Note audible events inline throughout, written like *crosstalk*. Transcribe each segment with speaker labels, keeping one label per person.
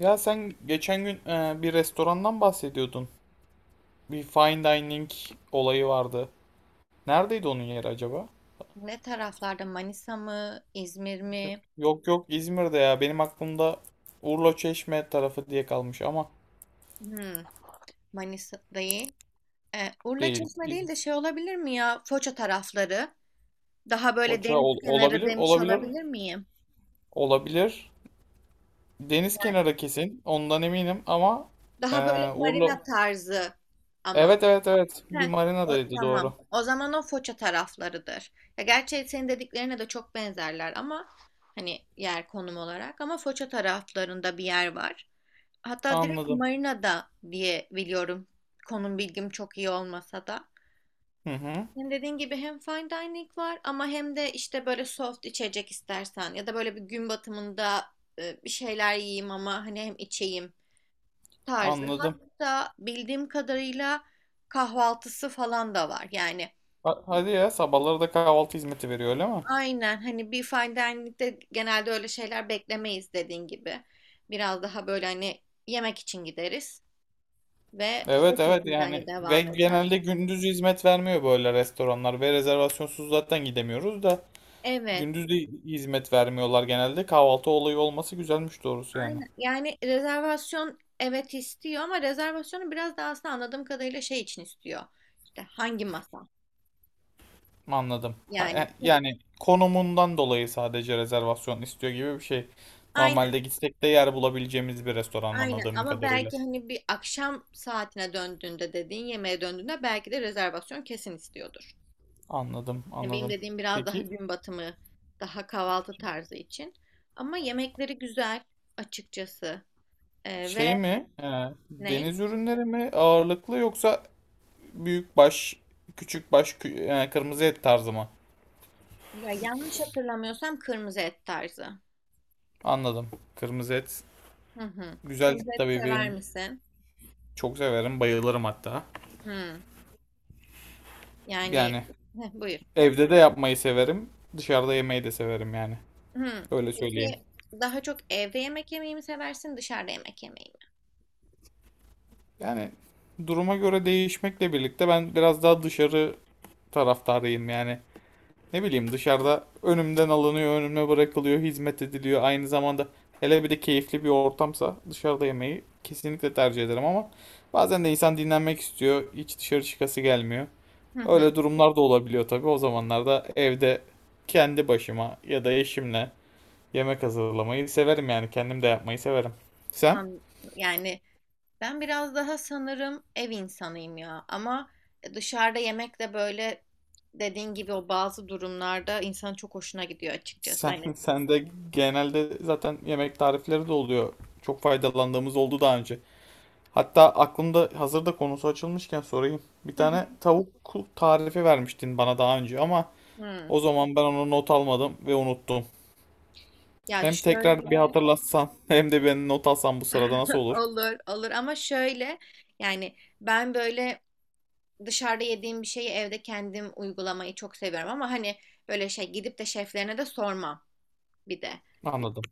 Speaker 1: Ya sen geçen gün bir restorandan bahsediyordun. Bir fine dining olayı vardı. Neredeydi onun yeri acaba?
Speaker 2: Ne taraflarda? Manisa mı? İzmir mi?
Speaker 1: Yok yok, İzmir'de ya. Benim aklımda Urla Çeşme tarafı diye kalmış ama
Speaker 2: Hmm, Manisa değil. Urla
Speaker 1: değil.
Speaker 2: Çeşme değil de
Speaker 1: İzmir.
Speaker 2: şey olabilir mi ya? Foça tarafları. Daha böyle deniz kenarı
Speaker 1: Olabilir,
Speaker 2: demiş
Speaker 1: olabilir,
Speaker 2: olabilir miyim?
Speaker 1: olabilir. Deniz kenarı kesin. Ondan eminim ama e,
Speaker 2: Daha böyle
Speaker 1: Urla...
Speaker 2: marina tarzı ama.
Speaker 1: Evet evet evet. Bir
Speaker 2: Heh, o,
Speaker 1: marinadaydı,
Speaker 2: tamam.
Speaker 1: doğru.
Speaker 2: O zaman o Foça taraflarıdır. Ya gerçi senin dediklerine de çok benzerler ama hani yer konum olarak ama Foça taraflarında bir yer var. Hatta direkt
Speaker 1: Anladım.
Speaker 2: Marina'da diye biliyorum. Konum bilgim çok iyi olmasa da.
Speaker 1: Hı hı.
Speaker 2: Hem dediğin gibi hem fine dining var ama hem de işte böyle soft içecek istersen ya da böyle bir gün batımında bir şeyler yiyeyim ama hani hem içeyim tarzı.
Speaker 1: Anladım.
Speaker 2: Hatta bildiğim kadarıyla kahvaltısı falan da var. Yani
Speaker 1: Hadi ya, sabahları da kahvaltı hizmeti veriyor, öyle mi?
Speaker 2: aynen hani bir fine dining'de genelde öyle şeyler beklemeyiz dediğin gibi. Biraz daha böyle hani yemek için gideriz ve o
Speaker 1: Evet evet,
Speaker 2: şekilde
Speaker 1: yani
Speaker 2: hani
Speaker 1: ve
Speaker 2: devam eder.
Speaker 1: genelde gündüz hizmet vermiyor böyle restoranlar ve rezervasyonsuz zaten gidemiyoruz da
Speaker 2: Evet.
Speaker 1: gündüz de hizmet vermiyorlar genelde. Kahvaltı olayı olması güzelmiş doğrusu yani.
Speaker 2: Aynen. Yani rezervasyon evet istiyor ama rezervasyonu biraz daha aslında anladığım kadarıyla şey için istiyor. İşte hangi masa?
Speaker 1: Anladım, ha,
Speaker 2: Yani tabii.
Speaker 1: yani konumundan dolayı sadece rezervasyon istiyor gibi bir şey.
Speaker 2: Aynen,
Speaker 1: Normalde gitsek de yer bulabileceğimiz bir restoran
Speaker 2: aynen
Speaker 1: anladığım
Speaker 2: ama
Speaker 1: kadarıyla.
Speaker 2: belki hani bir akşam saatine döndüğünde dediğin yemeğe döndüğünde belki de rezervasyon kesin istiyordur.
Speaker 1: Anladım,
Speaker 2: Yani benim
Speaker 1: anladım.
Speaker 2: dediğim biraz daha
Speaker 1: Peki
Speaker 2: gün batımı, daha kahvaltı tarzı için. Ama yemekleri güzel açıkçası.
Speaker 1: şey
Speaker 2: Ve
Speaker 1: mi,
Speaker 2: ne?
Speaker 1: deniz ürünleri mi ağırlıklı, yoksa büyük baş küçük baş kırmızı et tarzı mı?
Speaker 2: Ya yanlış hatırlamıyorsam kırmızı et tarzı.
Speaker 1: Anladım. Kırmızı et.
Speaker 2: Hı hı.
Speaker 1: Güzel
Speaker 2: Kırmızı et
Speaker 1: tabii,
Speaker 2: sever
Speaker 1: benim
Speaker 2: misin?
Speaker 1: çok severim. Bayılırım hatta.
Speaker 2: Hı. Yani
Speaker 1: Yani
Speaker 2: heh, buyur.
Speaker 1: evde de yapmayı severim. Dışarıda yemeyi de severim yani.
Speaker 2: Hı.
Speaker 1: Öyle söyleyeyim.
Speaker 2: Peki daha çok evde yemek yemeyi mi seversin, dışarıda yemek yemeyi
Speaker 1: Yani duruma göre değişmekle birlikte ben biraz daha dışarı taraftarıyım yani. Ne bileyim, dışarıda önümden alınıyor, önüme bırakılıyor, hizmet ediliyor. Aynı zamanda hele bir de keyifli bir ortamsa, dışarıda yemeyi kesinlikle tercih ederim ama bazen de insan dinlenmek istiyor. Hiç dışarı çıkası gelmiyor.
Speaker 2: mi? Hı hı.
Speaker 1: Öyle durumlar da olabiliyor tabii. O zamanlarda evde kendi başıma ya da eşimle yemek hazırlamayı severim yani. Kendim de yapmayı severim. Sen?
Speaker 2: An- Yani ben biraz daha sanırım ev insanıyım ya. Ama dışarıda yemek de böyle dediğin gibi o bazı durumlarda insanın çok hoşuna gidiyor açıkçası. Hani.
Speaker 1: *laughs* Sen de genelde zaten yemek tarifleri de oluyor. Çok faydalandığımız oldu daha önce. Hatta aklımda hazırda, konusu açılmışken sorayım. Bir
Speaker 2: Hı hı.
Speaker 1: tane tavuk tarifi vermiştin bana daha önce ama
Speaker 2: Hı.
Speaker 1: o zaman ben onu not almadım ve unuttum.
Speaker 2: Ya
Speaker 1: Hem tekrar bir
Speaker 2: şöyle
Speaker 1: hatırlatsan *laughs* hem de ben not alsam bu sırada, nasıl
Speaker 2: *laughs*
Speaker 1: olur?
Speaker 2: olur olur ama şöyle yani ben böyle dışarıda yediğim bir şeyi evde kendim uygulamayı çok seviyorum ama hani böyle şey gidip de şeflerine de sormam bir de.
Speaker 1: Anladım.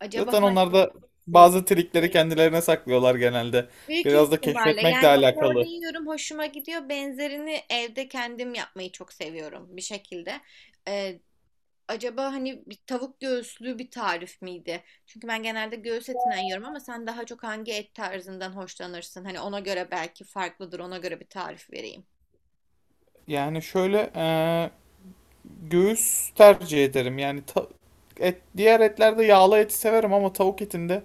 Speaker 2: Acaba
Speaker 1: Zaten onlar da
Speaker 2: hangisiydi?
Speaker 1: bazı trikleri kendilerine saklıyorlar genelde.
Speaker 2: Büyük
Speaker 1: Biraz da
Speaker 2: ihtimalle
Speaker 1: keşfetmekle
Speaker 2: yani ben orada
Speaker 1: alakalı.
Speaker 2: yiyorum hoşuma gidiyor. Benzerini evde kendim yapmayı çok seviyorum bir şekilde. Ee, acaba hani bir tavuk göğüslü bir tarif miydi? Çünkü ben genelde göğüs etinden yiyorum ama sen daha çok hangi et tarzından hoşlanırsın? Hani ona göre belki farklıdır ona göre bir tarif vereyim.
Speaker 1: Yani şöyle, göğüs tercih ederim. Yani diğer etlerde yağlı eti severim ama tavuk etinde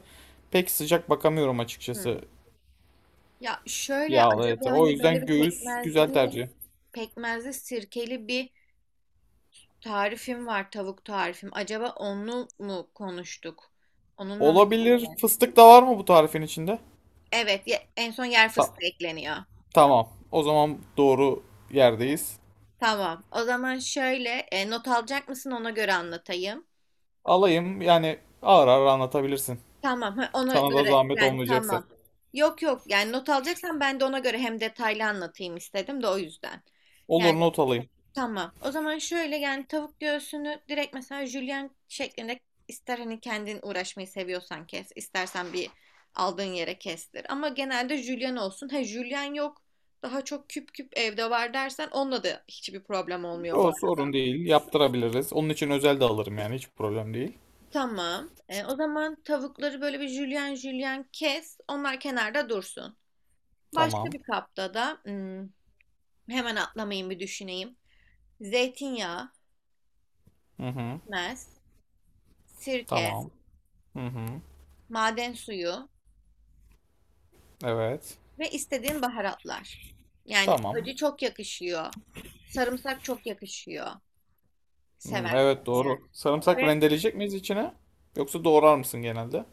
Speaker 1: pek sıcak bakamıyorum
Speaker 2: Hmm.
Speaker 1: açıkçası
Speaker 2: Ya şöyle
Speaker 1: yağlı ete.
Speaker 2: acaba
Speaker 1: O
Speaker 2: hani böyle
Speaker 1: yüzden
Speaker 2: bir
Speaker 1: göğüs güzel
Speaker 2: pekmezli
Speaker 1: tercih.
Speaker 2: pekmezli sirkeli bir tarifim var tavuk tarifim. Acaba onu mu konuştuk? Onunla mı
Speaker 1: Olabilir.
Speaker 2: ilgili?
Speaker 1: Fıstık da var mı bu tarifin içinde?
Speaker 2: Evet en son yer
Speaker 1: Ta-
Speaker 2: fıstığı ekleniyor.
Speaker 1: tamam. O zaman doğru yerdeyiz.
Speaker 2: Tamam. O zaman şöyle not alacak mısın ona göre anlatayım.
Speaker 1: Alayım. Yani ağır ağır anlatabilirsin.
Speaker 2: Tamam. Ha, ona
Speaker 1: Sana da
Speaker 2: göre
Speaker 1: zahmet
Speaker 2: yani
Speaker 1: olmayacaksa.
Speaker 2: tamam. Yok yok yani not alacaksan ben de ona göre hem detaylı anlatayım istedim de o yüzden. Yani.
Speaker 1: Olur, not alayım.
Speaker 2: Tamam. O zaman şöyle yani tavuk göğsünü direkt mesela jülyen şeklinde ister hani kendin uğraşmayı seviyorsan kes, istersen bir aldığın yere kestir. Ama genelde jülyen olsun. Ha jülyen yok, daha çok küp küp evde var dersen onunla da hiçbir problem olmuyor bu
Speaker 1: O
Speaker 2: arada.
Speaker 1: sorun değil. Yaptırabiliriz. Onun için özel de alırım yani. Hiç problem değil.
Speaker 2: Tamam. O zaman tavukları böyle bir jülyen jülyen kes. Onlar kenarda dursun. Başka
Speaker 1: Tamam.
Speaker 2: bir kapta da hemen atlamayayım bir düşüneyim. Zeytinyağı,
Speaker 1: Hı hı.
Speaker 2: pekmez, sirke,
Speaker 1: Tamam. Hı hı.
Speaker 2: maden suyu
Speaker 1: Evet.
Speaker 2: ve istediğin baharatlar. Yani
Speaker 1: Tamam.
Speaker 2: acı çok yakışıyor. Sarımsak çok yakışıyor.
Speaker 1: Hı,
Speaker 2: Seversen
Speaker 1: evet,
Speaker 2: eğer.
Speaker 1: doğru. Sarımsak
Speaker 2: Ve
Speaker 1: rendeleyecek miyiz içine? Yoksa doğrar mısın genelde?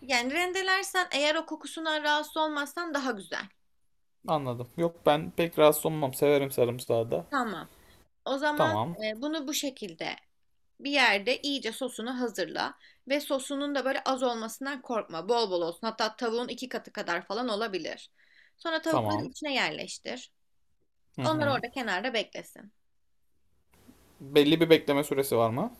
Speaker 2: yani rendelersen eğer o kokusundan rahatsız olmazsan daha güzel.
Speaker 1: Anladım. Yok, ben pek rahatsız olmam. Severim sarımsağı da.
Speaker 2: Tamam. O zaman
Speaker 1: Tamam.
Speaker 2: bunu bu şekilde bir yerde iyice sosunu hazırla ve sosunun da böyle az olmasından korkma. Bol bol olsun. Hatta tavuğun iki katı kadar falan olabilir. Sonra tavukları
Speaker 1: Tamam.
Speaker 2: içine yerleştir.
Speaker 1: Hı
Speaker 2: Onlar
Speaker 1: hı.
Speaker 2: orada kenarda beklesin.
Speaker 1: Belli bir bekleme süresi var mı?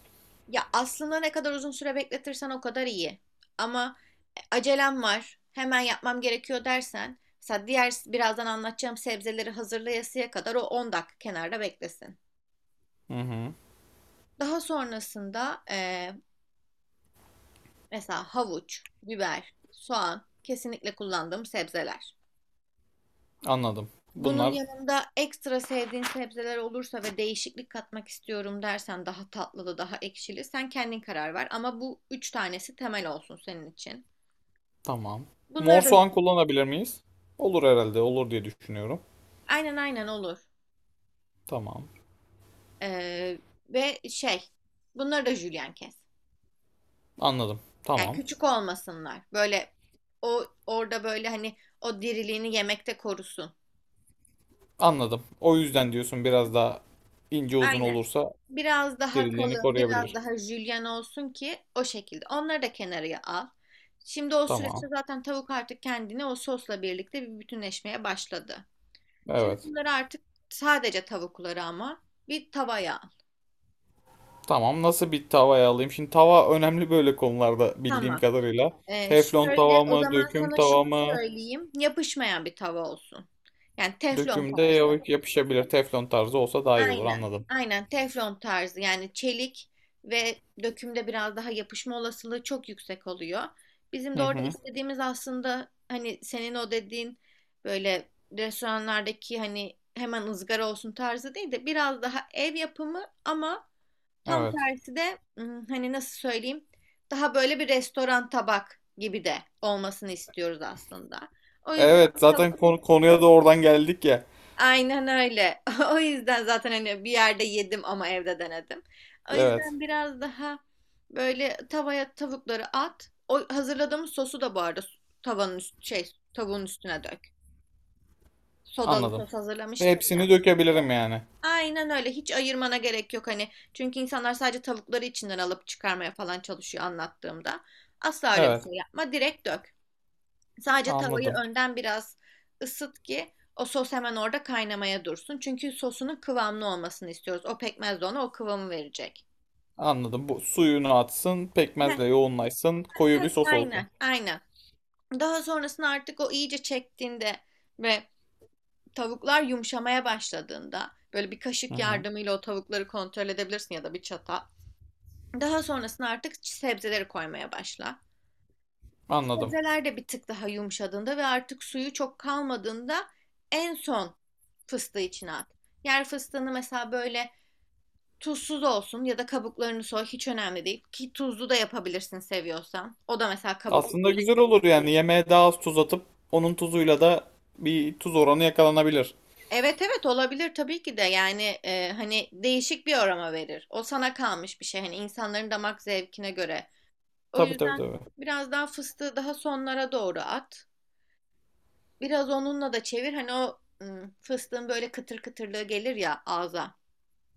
Speaker 2: Ya aslında ne kadar uzun süre bekletirsen o kadar iyi. Ama acelem var, hemen yapmam gerekiyor" dersen, mesela diğer birazdan anlatacağım sebzeleri hazırlayasıya kadar o 10 dakika kenarda beklesin.
Speaker 1: Hı hı.
Speaker 2: Daha sonrasında mesela havuç, biber, soğan kesinlikle kullandığım sebzeler.
Speaker 1: Anladım.
Speaker 2: Bunun
Speaker 1: Bunlar
Speaker 2: yanında ekstra sevdiğin sebzeler olursa ve değişiklik katmak istiyorum dersen daha tatlılı, daha ekşili sen kendin karar ver. Ama bu üç tanesi temel olsun senin için.
Speaker 1: tamam. Mor
Speaker 2: Bunları da.
Speaker 1: soğan kullanabilir miyiz? Olur herhalde. Olur diye düşünüyorum.
Speaker 2: Aynen, aynen olur.
Speaker 1: Tamam.
Speaker 2: Ee, ve şey bunları da jülyen kes.
Speaker 1: Anladım.
Speaker 2: Yani
Speaker 1: Tamam.
Speaker 2: küçük olmasınlar. Böyle o orada böyle hani o diriliğini yemekte korusun.
Speaker 1: Anladım. O yüzden diyorsun, biraz daha ince uzun
Speaker 2: Aynen.
Speaker 1: olursa
Speaker 2: Biraz daha
Speaker 1: diriliğini
Speaker 2: kalın, biraz
Speaker 1: koruyabilir.
Speaker 2: daha jülyen olsun ki o şekilde. Onları da kenarıya al. Şimdi o süreçte
Speaker 1: Tamam.
Speaker 2: zaten tavuk artık kendini o sosla birlikte bir bütünleşmeye başladı. Şimdi
Speaker 1: Evet.
Speaker 2: bunları artık sadece tavukları ama bir tavaya al.
Speaker 1: Tamam. Nasıl bir tavaya alayım? Şimdi tava önemli böyle konularda bildiğim
Speaker 2: Tamam.
Speaker 1: kadarıyla. Teflon
Speaker 2: Şöyle
Speaker 1: tava
Speaker 2: o
Speaker 1: mı,
Speaker 2: zaman
Speaker 1: döküm
Speaker 2: sana
Speaker 1: tava
Speaker 2: şunu
Speaker 1: mı?
Speaker 2: söyleyeyim. Yapışmayan bir tava olsun. Yani teflon
Speaker 1: Dökümde
Speaker 2: tarzı.
Speaker 1: yapışabilir. Teflon tarzı olsa daha iyi olur.
Speaker 2: Aynen.
Speaker 1: Anladım.
Speaker 2: Aynen teflon tarzı. Yani çelik ve dökümde biraz daha yapışma olasılığı çok yüksek oluyor. Bizim
Speaker 1: Hı
Speaker 2: de orada
Speaker 1: hı.
Speaker 2: istediğimiz aslında hani senin o dediğin böyle restoranlardaki hani hemen ızgara olsun tarzı değil de biraz daha ev yapımı ama tam
Speaker 1: Evet.
Speaker 2: tersi de hani nasıl söyleyeyim daha böyle bir restoran tabak gibi de olmasını istiyoruz aslında. O yüzden
Speaker 1: Evet.
Speaker 2: tab-
Speaker 1: Zaten konuya da oradan geldik ya.
Speaker 2: aynen öyle. *laughs* O yüzden zaten hani bir yerde yedim ama evde denedim. O
Speaker 1: Evet.
Speaker 2: yüzden biraz daha böyle tavaya tavukları at. O hazırladığımız sosu da bu arada tavanın üst, şey tavuğun üstüne dök. Sodalı
Speaker 1: Anladım.
Speaker 2: sos hazırlamıştık
Speaker 1: Hepsini
Speaker 2: ya.
Speaker 1: dökebilirim yani.
Speaker 2: Aynen öyle. Hiç ayırmana gerek yok hani. Çünkü insanlar sadece tavukları içinden alıp çıkarmaya falan çalışıyor anlattığımda. Asla öyle bir
Speaker 1: Evet.
Speaker 2: şey yapma. Direkt dök. Sadece tavayı
Speaker 1: Anladım.
Speaker 2: önden biraz ısıt ki o sos hemen orada kaynamaya dursun. Çünkü sosunun kıvamlı olmasını istiyoruz. O pekmez de ona o kıvamı verecek.
Speaker 1: Anladım. Bu suyunu atsın,
Speaker 2: Heh,
Speaker 1: pekmezle yoğunlaşsın, koyu bir
Speaker 2: heh,
Speaker 1: sos olsun.
Speaker 2: aynen. Aynen. Daha sonrasında artık o iyice çektiğinde ve tavuklar yumuşamaya başladığında böyle bir
Speaker 1: Hı
Speaker 2: kaşık
Speaker 1: hı.
Speaker 2: yardımıyla o tavukları kontrol edebilirsin ya da bir çatal. Daha sonrasında artık sebzeleri koymaya başla.
Speaker 1: Anladım.
Speaker 2: Sebzeler de bir tık daha yumuşadığında ve artık suyu çok kalmadığında en son fıstığı içine at. Yer fıstığını mesela böyle tuzsuz olsun ya da kabuklarını soy, hiç önemli değil. Ki tuzlu da yapabilirsin seviyorsan. O da mesela kabuklu
Speaker 1: Aslında
Speaker 2: değil.
Speaker 1: güzel olur, yani yemeğe daha az tuz atıp onun tuzuyla da bir tuz oranı yakalanabilir.
Speaker 2: Evet evet olabilir tabii ki de yani hani değişik bir aroma verir. O sana kalmış bir şey hani insanların damak zevkine göre. O
Speaker 1: Tabii tabii
Speaker 2: yüzden
Speaker 1: tabii.
Speaker 2: biraz daha fıstığı daha sonlara doğru at. Biraz onunla da çevir. Hani o fıstığın böyle kıtır kıtırlığı gelir ya ağza.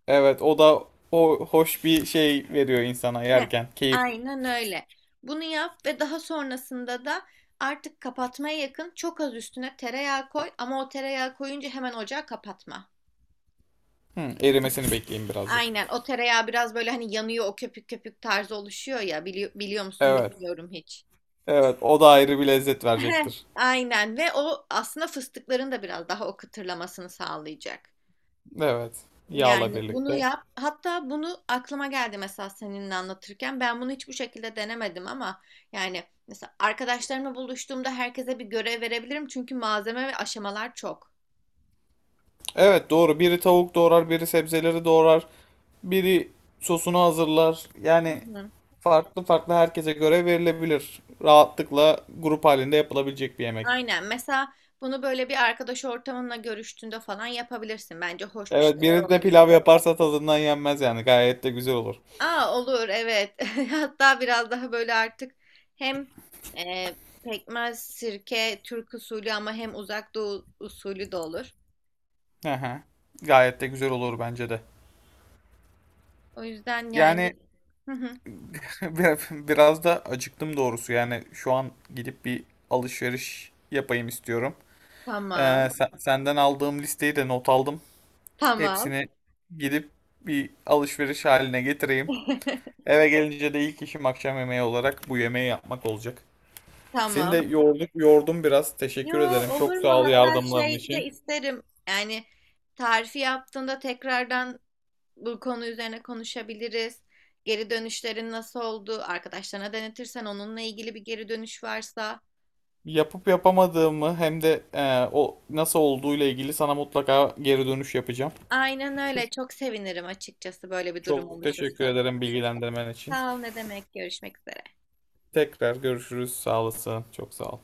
Speaker 1: Evet, o da o hoş bir şey veriyor insana
Speaker 2: Heh,
Speaker 1: yerken. Keyif.
Speaker 2: aynen öyle. Bunu yap ve daha sonrasında da artık kapatmaya yakın çok az üstüne tereyağı koy ama o tereyağı koyunca hemen ocağı kapatma.
Speaker 1: Hı, erimesini bekleyin birazcık.
Speaker 2: Aynen o tereyağı biraz böyle hani yanıyor o köpük köpük tarzı oluşuyor ya, biliyor musun
Speaker 1: Evet.
Speaker 2: bilmiyorum hiç.
Speaker 1: Evet, o da ayrı bir lezzet
Speaker 2: Heh.
Speaker 1: verecektir.
Speaker 2: Aynen ve o aslında fıstıkların da biraz daha o kıtırlamasını sağlayacak.
Speaker 1: Evet. Yağla
Speaker 2: Yani bunu
Speaker 1: birlikte.
Speaker 2: yap. Hatta bunu aklıma geldi mesela seninle anlatırken. Ben bunu hiç bu şekilde denemedim ama yani mesela arkadaşlarımla buluştuğumda herkese bir görev verebilirim. Çünkü malzeme ve aşamalar çok.
Speaker 1: Evet, doğru. Biri tavuk doğrar, biri sebzeleri doğrar. Biri sosunu hazırlar.
Speaker 2: Hı
Speaker 1: Yani
Speaker 2: hı.
Speaker 1: farklı farklı herkese göre verilebilir. Rahatlıkla grup halinde yapılabilecek bir yemek.
Speaker 2: Aynen. Mesela bunu böyle bir arkadaş ortamınla görüştüğünde falan yapabilirsin. Bence hoş bir
Speaker 1: Evet,
Speaker 2: şeyler
Speaker 1: biri de
Speaker 2: olabilir.
Speaker 1: pilav yaparsa tadından yenmez yani. Gayet de güzel olur.
Speaker 2: Aa olur evet. *laughs* Hatta biraz daha böyle artık hem e, pekmez, sirke, Türk usulü ama hem uzak doğu usulü de olur.
Speaker 1: Hı hı. Gayet de güzel olur bence de.
Speaker 2: O yüzden yani.
Speaker 1: Yani
Speaker 2: Hı hı.
Speaker 1: *laughs* biraz da acıktım doğrusu. Yani şu an gidip bir alışveriş yapayım istiyorum.
Speaker 2: Tamam,
Speaker 1: Senden aldığım listeyi de not aldım.
Speaker 2: tamam,
Speaker 1: Hepsini gidip bir alışveriş haline getireyim.
Speaker 2: *laughs*
Speaker 1: Eve gelince de ilk işim akşam yemeği olarak bu yemeği yapmak olacak. Seni de
Speaker 2: tamam.
Speaker 1: yorduk, yordum biraz.
Speaker 2: Yo,
Speaker 1: Teşekkür ederim. Çok
Speaker 2: olur mu?
Speaker 1: sağ ol
Speaker 2: Hatta
Speaker 1: yardımların
Speaker 2: şey de
Speaker 1: için.
Speaker 2: isterim. Yani tarifi yaptığında tekrardan bu konu üzerine konuşabiliriz. Geri dönüşlerin nasıl oldu? Arkadaşlarına denetirsen onunla ilgili bir geri dönüş varsa.
Speaker 1: Yapıp yapamadığımı hem de o nasıl olduğuyla ilgili sana mutlaka geri dönüş yapacağım.
Speaker 2: Aynen öyle. Çok sevinirim açıkçası böyle bir durum
Speaker 1: Çok teşekkür
Speaker 2: oluşursa.
Speaker 1: ederim bilgilendirmen için.
Speaker 2: Sağ ol, ne demek. Görüşmek üzere.
Speaker 1: Tekrar görüşürüz. Sağ olasın. Çok sağ ol.